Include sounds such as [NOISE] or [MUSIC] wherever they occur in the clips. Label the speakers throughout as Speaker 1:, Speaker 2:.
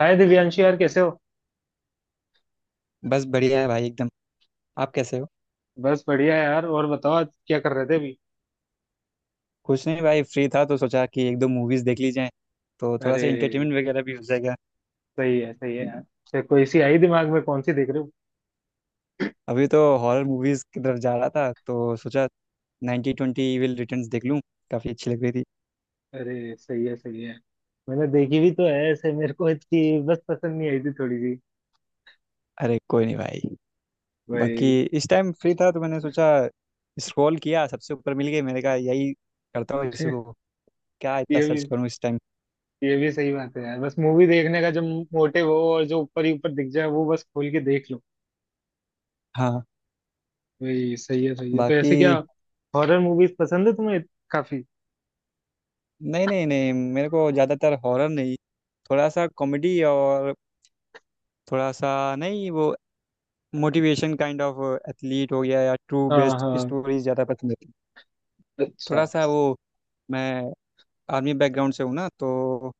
Speaker 1: हाय दिव्यांशी, यार कैसे हो?
Speaker 2: बस बढ़िया है भाई एकदम। आप कैसे हो?
Speaker 1: बस बढ़िया यार। और बताओ, आज क्या कर रहे थे अभी?
Speaker 2: कुछ नहीं भाई, फ्री था तो सोचा कि एक दो मूवीज देख ली जाए, तो थोड़ा
Speaker 1: अरे,
Speaker 2: सा इंटरटेनमेंट वगैरह भी हो जाएगा।
Speaker 1: सही है यार। फिर कोई सी आई दिमाग में, कौन सी देख रहे हो?
Speaker 2: अभी तो हॉरर मूवीज की तरफ जा रहा था तो सोचा 90 ट्वेंटी इविल रिटर्न्स देख लूँ। काफ़ी अच्छी लग रही थी।
Speaker 1: अरे, सही है सही है। मैंने देखी भी तो है ऐसे, मेरे को इसकी बस पसंद नहीं आई थी थोड़ी सी।
Speaker 2: अरे कोई नहीं भाई। बाकी
Speaker 1: भाई।
Speaker 2: इस टाइम फ्री था तो मैंने सोचा, स्क्रॉल किया, सबसे ऊपर मिल गई, मैंने कहा यही करता हूँ इसी को, क्या इतना
Speaker 1: ये
Speaker 2: सर्च
Speaker 1: भी
Speaker 2: करूँ इस टाइम।
Speaker 1: ये भी सही बात है यार, बस मूवी देखने का जब मोटिव हो, और जो ऊपर ही ऊपर दिख जाए वो बस खोल के देख लो।
Speaker 2: हाँ।
Speaker 1: भाई सही है सही है। तो
Speaker 2: बाकी
Speaker 1: ऐसे क्या, हॉरर मूवीज पसंद है तुम्हें काफी?
Speaker 2: नहीं नहीं नहीं, मेरे को ज़्यादातर हॉरर नहीं, थोड़ा सा कॉमेडी और थोड़ा सा नहीं, वो मोटिवेशन काइंड ऑफ, एथलीट हो गया या ट्रू
Speaker 1: हाँ
Speaker 2: बेस्ड
Speaker 1: हाँ।
Speaker 2: स्टोरीज ज़्यादा पसंद है।
Speaker 1: अच्छा।
Speaker 2: थोड़ा सा वो, मैं आर्मी बैकग्राउंड से हूँ ना, तो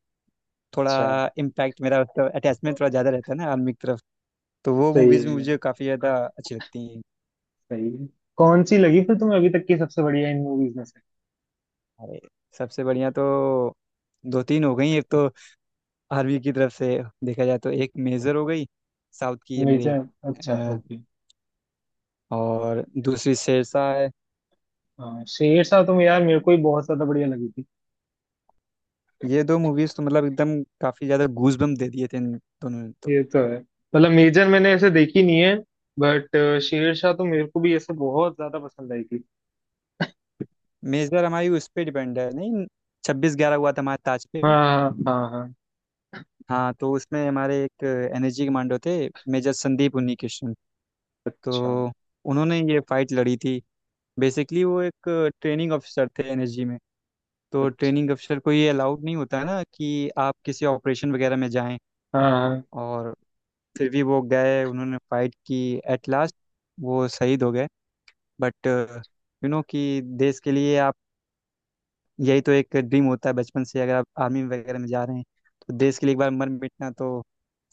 Speaker 2: थोड़ा
Speaker 1: अच्छा,
Speaker 2: इम्पैक्ट मेरा उसका अटैचमेंट थोड़ा ज़्यादा रहता है ना आर्मी की तरफ, तो वो मूवीज़
Speaker 1: सही है
Speaker 2: मुझे काफ़ी ज़्यादा अच्छी लगती हैं।
Speaker 1: सही है। कौन सी लगी फिर तुम्हें अभी तक की सबसे बढ़िया इन मूवीज में से?
Speaker 2: अरे सबसे बढ़िया तो दो तीन हो गई। एक तो आर्मी की तरफ से देखा जाए तो एक मेजर हो गई, साउथ की है
Speaker 1: मेरी से।
Speaker 2: मेरे
Speaker 1: अच्छा,
Speaker 2: अ,
Speaker 1: ओके।
Speaker 2: और दूसरी शेरशाह है।
Speaker 1: हाँ, शेरशाह तो यार मेरे को ही बहुत ज्यादा बढ़िया लगी थी।
Speaker 2: ये दो मूवीज़ तो मतलब एकदम काफ़ी ज़्यादा गूज बम्प दे दिए थे इन दोनों ने तो।
Speaker 1: ये तो है, मतलब मेजर मैंने ऐसे देखी नहीं है, बट शेरशाह तो मेरे को भी ऐसे बहुत ज्यादा पसंद आई थी।
Speaker 2: मेजर हमारी उस पे डिपेंड है, नहीं छब्बीस ग्यारह हुआ था हमारे ताज पे।
Speaker 1: हाँ हाँ हाँ हाँ।
Speaker 2: हाँ, तो उसमें हमारे एक एनर्जी कमांडो थे, मेजर संदीप उन्नी कृष्ण।
Speaker 1: अच्छा।
Speaker 2: तो उन्होंने ये फाइट लड़ी थी। बेसिकली वो एक ट्रेनिंग ऑफिसर थे एनर्जी में, तो
Speaker 1: अच्छा,
Speaker 2: ट्रेनिंग ऑफिसर को ये अलाउड नहीं होता है ना कि आप किसी ऑपरेशन वगैरह में जाएं,
Speaker 1: हाँ हाँ,
Speaker 2: और फिर भी वो गए, उन्होंने फाइट की, एट लास्ट वो शहीद हो गए। बट यू नो कि देश के लिए आप, यही तो एक ड्रीम होता है बचपन से, अगर आप आर्मी वगैरह में जा रहे हैं तो देश के लिए एक बार मर मिटना तो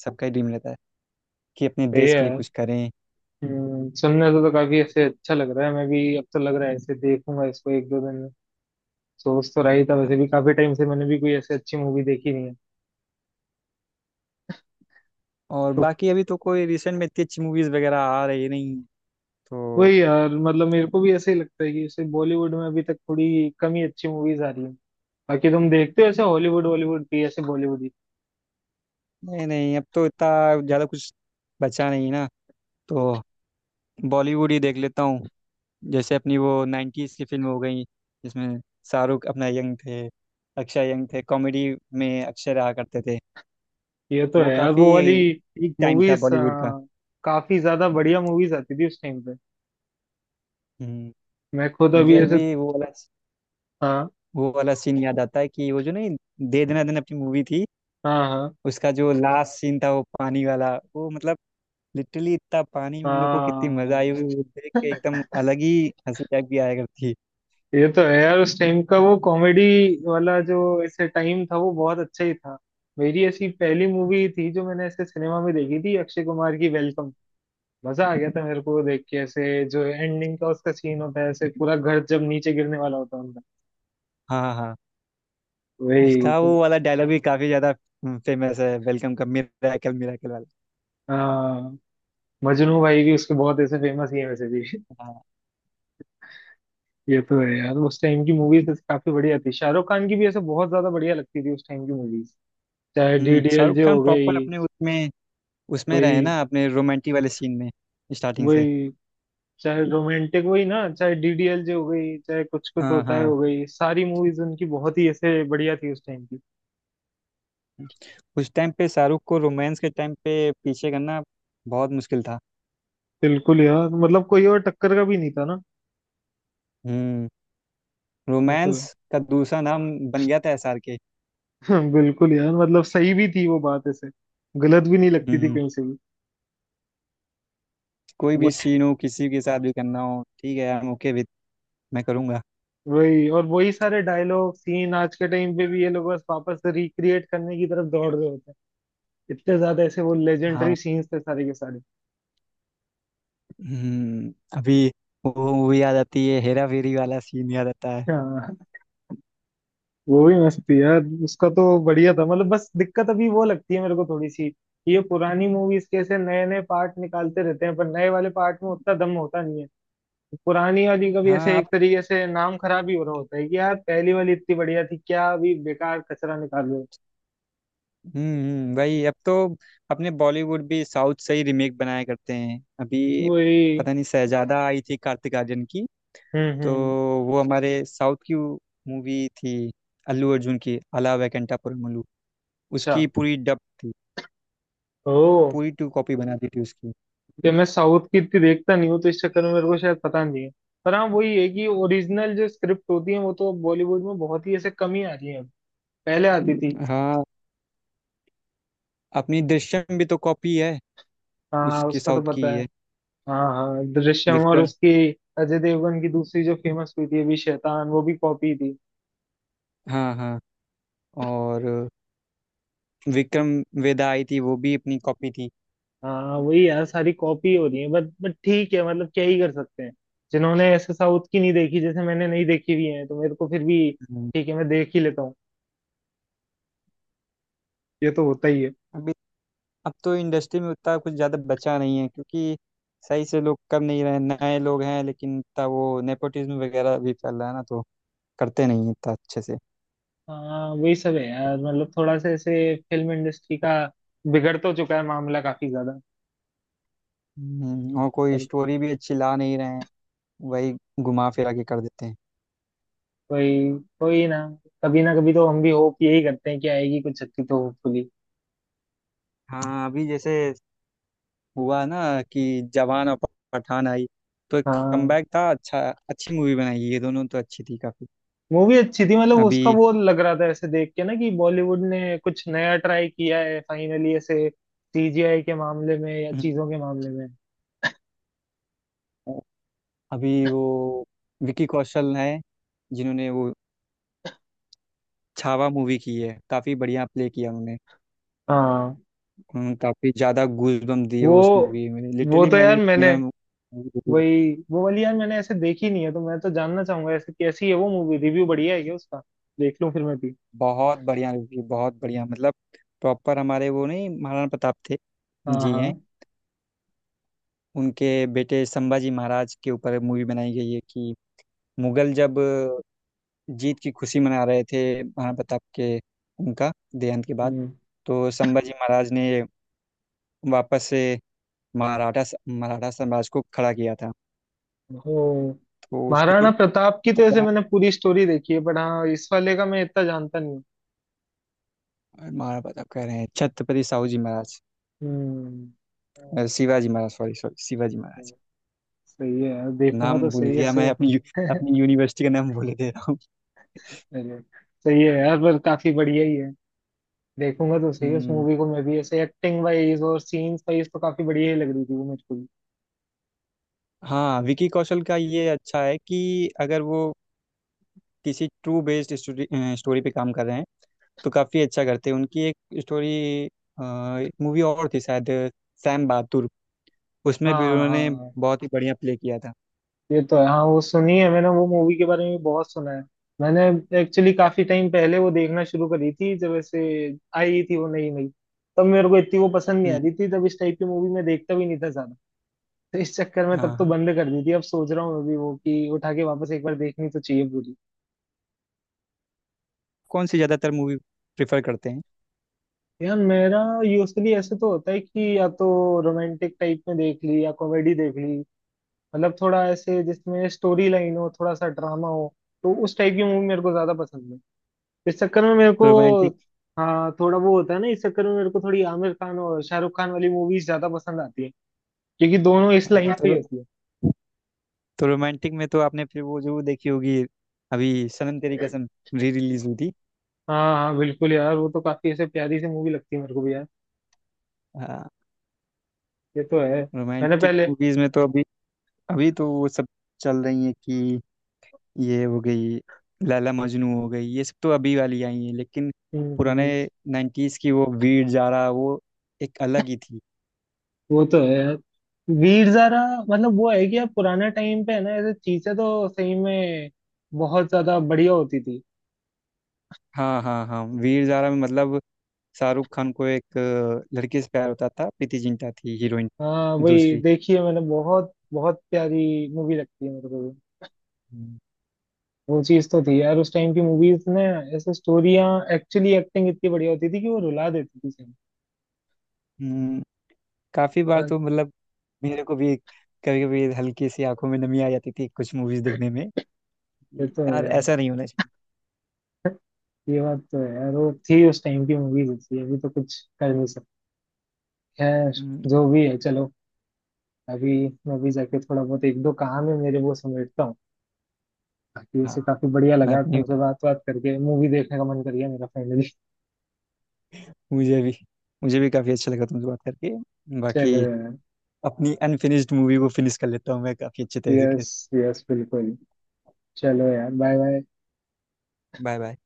Speaker 2: सबका ही ड्रीम रहता है, कि अपने
Speaker 1: सही
Speaker 2: देश के
Speaker 1: है।
Speaker 2: लिए कुछ करें।
Speaker 1: सुनने से तो काफी ऐसे अच्छा लग रहा है, मैं भी अब तो लग रहा है ऐसे देखूंगा इसको एक दो दिन में। सोच तो रही था वैसे
Speaker 2: हाँ,
Speaker 1: भी काफी टाइम से, मैंने भी कोई ऐसे अच्छी मूवी देखी नहीं है।
Speaker 2: और
Speaker 1: तो
Speaker 2: बाकी अभी तो कोई रिसेंट में इतनी अच्छी मूवीज वगैरह आ रही नहीं हैं। तो
Speaker 1: वही यार, मतलब मेरे को भी ऐसे ही लगता है कि जैसे बॉलीवुड में अभी तक थोड़ी कम ही अच्छी मूवीज आ रही हैं। बाकी तुम देखते हो ऐसे हॉलीवुड बॉलीवुड की, ऐसे बॉलीवुड की?
Speaker 2: नहीं नहीं, अब तो इतना ज़्यादा कुछ बचा नहीं ना, तो बॉलीवुड ही देख लेता हूँ। जैसे अपनी वो नाइन्टीज़ की फिल्म हो गई, जिसमें शाहरुख अपना यंग थे, अक्षय यंग थे, कॉमेडी में अक्षय रहा करते थे।
Speaker 1: ये तो
Speaker 2: वो
Speaker 1: है यार,
Speaker 2: काफ़ी
Speaker 1: वो वाली
Speaker 2: पीक टाइम था
Speaker 1: मूवीज,
Speaker 2: बॉलीवुड का।
Speaker 1: काफी ज्यादा बढ़िया मूवीज आती थी उस टाइम पे।
Speaker 2: हम्म।
Speaker 1: मैं खुद
Speaker 2: मुझे
Speaker 1: अभी ऐसे।
Speaker 2: अभी
Speaker 1: हाँ
Speaker 2: वो वाला सीन याद आता है कि वो जो नहीं दे दना दन अपनी मूवी थी,
Speaker 1: हाँ हाँ
Speaker 2: उसका जो लास्ट सीन था वो पानी वाला, वो मतलब लिटरली इतना पानी में उन लोगों को कितनी मजा आई
Speaker 1: हाँ।
Speaker 2: वो देख के एकदम अलग ही हंसी टाइप की आया करती।
Speaker 1: ये तो है यार, उस टाइम का वो कॉमेडी वाला जो ऐसे टाइम था वो बहुत अच्छा ही था। मेरी ऐसी पहली मूवी थी जो मैंने ऐसे सिनेमा में देखी थी, अक्षय कुमार की वेलकम। मजा आ गया था मेरे को वो देख के, ऐसे जो एंडिंग का उसका सीन होता है ऐसे पूरा घर जब नीचे गिरने वाला होता है उनका।
Speaker 2: हाँ हाँ हाँ।
Speaker 1: वही
Speaker 2: उसका
Speaker 1: तो।
Speaker 2: वो वाला डायलॉग भी काफी ज्यादा फेमस है वेलकम का, मिराकल मिराकल वाला।
Speaker 1: हाँ। मजनू भाई भी उसके बहुत ऐसे फेमस ही है वैसे भी। [LAUGHS]
Speaker 2: हाँ।
Speaker 1: ये तो है यार, उस टाइम की मूवीज काफी बढ़िया थी। शाहरुख खान की भी ऐसे बहुत ज्यादा बढ़िया लगती थी उस टाइम की मूवीज। चाहे
Speaker 2: शाहरुख
Speaker 1: डीडीएलजे
Speaker 2: खान
Speaker 1: हो
Speaker 2: प्रॉपर
Speaker 1: गई।
Speaker 2: अपने उसमें उसमें रहे
Speaker 1: वही।
Speaker 2: ना अपने रोमांटिक वाले सीन में, स्टार्टिंग से।
Speaker 1: वही, चाहे रोमांटिक, वही ना, चाहे डीडीएलजे हो गई, चाहे कुछ कुछ
Speaker 2: हाँ
Speaker 1: होता है
Speaker 2: हाँ,
Speaker 1: हो गई, सारी मूवीज उनकी बहुत ही ऐसे बढ़िया थी उस टाइम की।
Speaker 2: उस टाइम पे शाहरुख को रोमांस के टाइम पे पीछे करना बहुत मुश्किल था।
Speaker 1: बिल्कुल यार, मतलब कोई और टक्कर का भी नहीं था ना।
Speaker 2: हम्म।
Speaker 1: वो तो
Speaker 2: रोमांस
Speaker 1: है।
Speaker 2: का दूसरा नाम बन गया था एसआरके।
Speaker 1: [LAUGHS] हाँ, बिल्कुल यार, मतलब सही भी थी वो बात ऐसे, गलत भी नहीं लगती थी
Speaker 2: हम्म।
Speaker 1: कहीं से भी।
Speaker 2: कोई भी
Speaker 1: वही।
Speaker 2: सीन हो, किसी के साथ भी करना हो, ठीक है, आई ओके विद, मैं करूँगा।
Speaker 1: वही और वही सारे डायलॉग सीन आज के टाइम पे भी ये लोग बस वापस रिक्रिएट करने की तरफ दौड़ रहे होते हैं, इतने ज्यादा ऐसे वो लेजेंडरी
Speaker 2: हाँ।
Speaker 1: सीन्स थे सारे के सारे।
Speaker 2: हम्म। अभी वो मूवी याद आती है, हेरा फेरी वाला सीन याद आता है।
Speaker 1: हाँ, वो भी मस्त थी यार, उसका तो बढ़िया था। मतलब बस दिक्कत अभी वो लगती है मेरे को थोड़ी सी, ये पुरानी मूवीज के ऐसे नए नए पार्ट निकालते रहते हैं पर नए वाले पार्ट में उतना दम होता नहीं है। पुरानी वाली का भी
Speaker 2: हाँ
Speaker 1: ऐसे एक
Speaker 2: आप,
Speaker 1: तरीके से नाम खराब ही हो रहा होता है कि यार, पहली वाली इतनी बढ़िया थी, क्या अभी बेकार कचरा निकाल रहे हो।
Speaker 2: वही अब तो अपने बॉलीवुड भी साउथ से ही रिमेक बनाया करते हैं। अभी
Speaker 1: वही।
Speaker 2: पता नहीं शहजादा आई थी कार्तिक आर्यन की, तो
Speaker 1: हम्म।
Speaker 2: वो हमारे साउथ की मूवी थी, अल्लू अर्जुन की अला वेंकटा पुरमुलु,
Speaker 1: अच्छा।
Speaker 2: उसकी पूरी डब थी,
Speaker 1: ओ।
Speaker 2: पूरी टू कॉपी बना दी थी उसकी।
Speaker 1: कि मैं साउथ की इतनी देखता नहीं हूँ, तो इस चक्कर में मेरे को शायद पता नहीं है। पर हाँ, वही है कि ओरिजिनल जो स्क्रिप्ट होती है वो तो बॉलीवुड में बहुत ही ऐसे कम ही आ रही है, पहले आती थी।
Speaker 2: हाँ, अपनी दृश्यम भी तो कॉपी है,
Speaker 1: हाँ हाँ,
Speaker 2: उसकी
Speaker 1: उसका तो
Speaker 2: साउथ की
Speaker 1: पता
Speaker 2: ही
Speaker 1: है।
Speaker 2: है,
Speaker 1: हाँ हाँ, दृश्यम और
Speaker 2: विक्रम।
Speaker 1: उसकी अजय देवगन की दूसरी जो फेमस हुई थी अभी, शैतान, वो भी कॉपी थी।
Speaker 2: हाँ हाँ, और विक्रम वेदा आई थी, वो भी अपनी कॉपी थी।
Speaker 1: हाँ, वही यार सारी कॉपी हो रही है, बट ठीक है, मतलब क्या ही कर सकते हैं। जिन्होंने ऐसे साउथ की नहीं देखी, जैसे मैंने नहीं देखी हुई है, तो मेरे को फिर भी
Speaker 2: हम्म,
Speaker 1: ठीक है, मैं देख ही लेता हूँ। ये तो होता ही है।
Speaker 2: अभी अब तो इंडस्ट्री में उतना कुछ ज़्यादा बचा नहीं है, क्योंकि सही से लोग कर नहीं रहे, नए लोग हैं लेकिन इतना वो नेपोटिज्म वगैरह भी फैल रहा है ना, तो करते नहीं हैं इतना अच्छे से।
Speaker 1: हाँ, वही सब है यार, मतलब थोड़ा सा ऐसे फिल्म इंडस्ट्री का बिगड़ तो चुका है मामला काफी ज्यादा।
Speaker 2: और कोई
Speaker 1: पर
Speaker 2: स्टोरी भी अच्छी ला नहीं रहे हैं, वही घुमा फिरा के कर देते हैं।
Speaker 1: कोई, कोई ना, कभी ना कभी तो हम भी होप यही करते हैं कि आएगी कुछ अच्छी तो, होपफुली।
Speaker 2: हाँ, अभी जैसे हुआ ना कि जवान और पठान आई, तो एक
Speaker 1: हाँ।
Speaker 2: कमबैक था अच्छा, अच्छी मूवी बनाई है, ये दोनों तो अच्छी थी काफी।
Speaker 1: मूवी अच्छी थी, मतलब उसका
Speaker 2: अभी
Speaker 1: वो लग रहा था ऐसे देख के ना, कि बॉलीवुड ने कुछ नया ट्राई किया है फाइनली, ऐसे सीजीआई के मामले में या
Speaker 2: हम्म,
Speaker 1: चीजों के मामले में।
Speaker 2: अभी वो विकी कौशल है, जिन्होंने वो छावा मूवी की है, काफी बढ़िया प्ले किया उन्होंने,
Speaker 1: हाँ,
Speaker 2: उन्होंने काफी ज्यादा गूजबम्प दिए
Speaker 1: वो
Speaker 2: उस मूवी में,
Speaker 1: वो
Speaker 2: लिटरली
Speaker 1: तो यार
Speaker 2: मैंने
Speaker 1: मैंने,
Speaker 2: सिनेमा।
Speaker 1: वही वो वाली यार मैंने ऐसे देखी नहीं है, तो मैं तो जानना चाहूंगा ऐसे कैसी है वो मूवी, रिव्यू बढ़िया है क्या उसका? देख लूं फिर मैं भी।
Speaker 2: बहुत बढ़िया रिव्यू, बहुत बढ़िया मतलब, प्रॉपर हमारे वो नहीं महाराणा प्रताप थे
Speaker 1: हाँ
Speaker 2: जी हैं,
Speaker 1: हाँ।
Speaker 2: उनके बेटे संभाजी महाराज के ऊपर मूवी बनाई गई है कि मुगल जब जीत की खुशी मना रहे थे महाराणा प्रताप के, उनका देहांत के बाद,
Speaker 1: हम्म।
Speaker 2: तो संभाजी महाराज ने वापस से मराठा मराठा साम्राज्य को खड़ा किया था,
Speaker 1: ओ।
Speaker 2: तो उसके
Speaker 1: महाराणा प्रताप की तो ऐसे
Speaker 2: ऊपर।
Speaker 1: मैंने पूरी स्टोरी देखी है, बट हाँ, इस वाले का मैं इतना जानता नहीं हूँ।
Speaker 2: महाराणा प्रताप कह रहे हैं छत्रपति साहू जी महाराज,
Speaker 1: हम्म।
Speaker 2: शिवाजी महाराज, सॉरी सॉरी, शिवाजी महाराज,
Speaker 1: सही है यार, देखूंगा
Speaker 2: नाम
Speaker 1: तो
Speaker 2: भूल
Speaker 1: सही है
Speaker 2: गया
Speaker 1: से।
Speaker 2: मैं अपनी
Speaker 1: [LAUGHS]
Speaker 2: अपनी यूनिवर्सिटी का नाम भूल दे रहा हूँ।
Speaker 1: अरे, सही है यार, पर काफी बढ़िया ही है। देखूंगा तो सही उस
Speaker 2: हम्म।
Speaker 1: मूवी को मैं भी, ऐसे एक्टिंग वाइज और सीन्स वाइज तो काफी बढ़िया ही लग रही थी वो मुझको भी।
Speaker 2: हाँ विकी कौशल का ये अच्छा है कि अगर वो किसी ट्रू बेस्ड स्टोरी स्टोरी पे काम कर रहे हैं तो काफ़ी अच्छा करते हैं। उनकी एक स्टोरी, एक मूवी और थी शायद सैम बहादुर, उसमें भी
Speaker 1: हाँ
Speaker 2: उन्होंने
Speaker 1: हाँ।
Speaker 2: बहुत ही बढ़िया प्ले किया था।
Speaker 1: ये तो है, हाँ, वो सुनी है मैंने, वो मूवी के बारे में भी बहुत सुना है मैंने। एक्चुअली काफी टाइम पहले वो देखना शुरू करी थी जब ऐसे आई थी वो नई नई। तब मेरे को इतनी वो पसंद नहीं
Speaker 2: हम्म।
Speaker 1: आती थी, तब इस टाइप की मूवी मैं देखता भी नहीं था ज्यादा। तो इस चक्कर में तब
Speaker 2: हाँ
Speaker 1: तो
Speaker 2: हाँ,
Speaker 1: बंद कर दी थी, अब सोच रहा हूँ मैं भी वो कि उठा के वापस एक बार देखनी तो चाहिए पूरी।
Speaker 2: कौन सी ज़्यादातर मूवी प्रेफर करते हैं?
Speaker 1: यार मेरा यूजली ऐसे तो होता है कि या तो रोमांटिक टाइप में देख ली या कॉमेडी देख ली। मतलब थोड़ा ऐसे जिसमें स्टोरी लाइन हो, थोड़ा सा ड्रामा हो, तो उस टाइप की मूवी मेरे को ज्यादा पसंद है। इस चक्कर में मेरे को
Speaker 2: रोमांटिक?
Speaker 1: हाँ, थोड़ा वो होता है ना। इस चक्कर में मेरे को थोड़ी आमिर खान और शाहरुख खान वाली मूवीज ज्यादा पसंद आती है, क्योंकि दोनों इस
Speaker 2: हाँ
Speaker 1: लाइन पे ही
Speaker 2: तो
Speaker 1: होती है।
Speaker 2: तो रोमांटिक में तो आपने फिर वो जरूर देखी होगी, अभी सनम तेरी कसम री रिलीज हुई थी।
Speaker 1: हाँ हाँ, बिल्कुल यार, वो तो काफी ऐसे प्यारी सी मूवी लगती है मेरे को भी यार।
Speaker 2: हाँ।
Speaker 1: ये तो है, मैंने
Speaker 2: रोमांटिक
Speaker 1: पहले।
Speaker 2: मूवीज में तो अभी, अभी तो वो सब चल रही है कि ये हो गई लैला मजनू हो गई, ये सब तो अभी वाली आई हैं लेकिन
Speaker 1: हम्म
Speaker 2: पुराने
Speaker 1: हम्म।
Speaker 2: 90s की वो वीर जारा, वो एक अलग ही थी।
Speaker 1: वो तो है यार। भीड़ जरा, मतलब वो है कि यार पुराना टाइम पे है ना, ऐसे चीजें तो सही में बहुत ज्यादा बढ़िया होती थी।
Speaker 2: हाँ हाँ हाँ वीर जारा में मतलब शाहरुख खान को एक लड़की से प्यार होता था, प्रीति जिंटा थी हीरोइन,
Speaker 1: हाँ, वही
Speaker 2: दूसरी।
Speaker 1: देखिए मैंने, बहुत बहुत प्यारी मूवी लगती है मेरे को भी।
Speaker 2: हम्म।
Speaker 1: वो चीज तो थी यार उस टाइम की मूवीज ने, ऐसे स्टोरियां, एक्चुअली एक्टिंग इतनी बढ़िया होती थी कि वो रुला देती थी सही में।
Speaker 2: हम्म, काफी बार
Speaker 1: पर
Speaker 2: तो मतलब मेरे को भी कभी कभी हल्की सी आंखों में नमी आ जाती थी कुछ मूवीज देखने में।
Speaker 1: ये तो है
Speaker 2: यार
Speaker 1: यार,
Speaker 2: ऐसा नहीं होना चाहिए।
Speaker 1: ये बात तो है यार, वो थी उस टाइम की मूवीज ऐसी, अभी तो कुछ कर नहीं सकते। खैर,
Speaker 2: हम्म।
Speaker 1: जो भी है, चलो। अभी मैं भी जाके थोड़ा बहुत एक दो कहानी मेरे वो समेटता हूँ। बाकी
Speaker 2: हाँ,
Speaker 1: वैसे काफी बढ़िया
Speaker 2: मैं
Speaker 1: लगा
Speaker 2: अपनी,
Speaker 1: तुमसे बात बात करके, मूवी देखने का मन कर गया मेरा फाइनली।
Speaker 2: मुझे भी मुझे भी काफी अच्छा लगा तुमसे बात करके।
Speaker 1: चलो
Speaker 2: बाकी
Speaker 1: यार।
Speaker 2: अपनी अनफिनिश्ड मूवी को फिनिश कर लेता हूँ मैं काफी अच्छे तरीके से।
Speaker 1: यस यस, बिल्कुल। चलो यार, बाय बाय।
Speaker 2: Bye bye.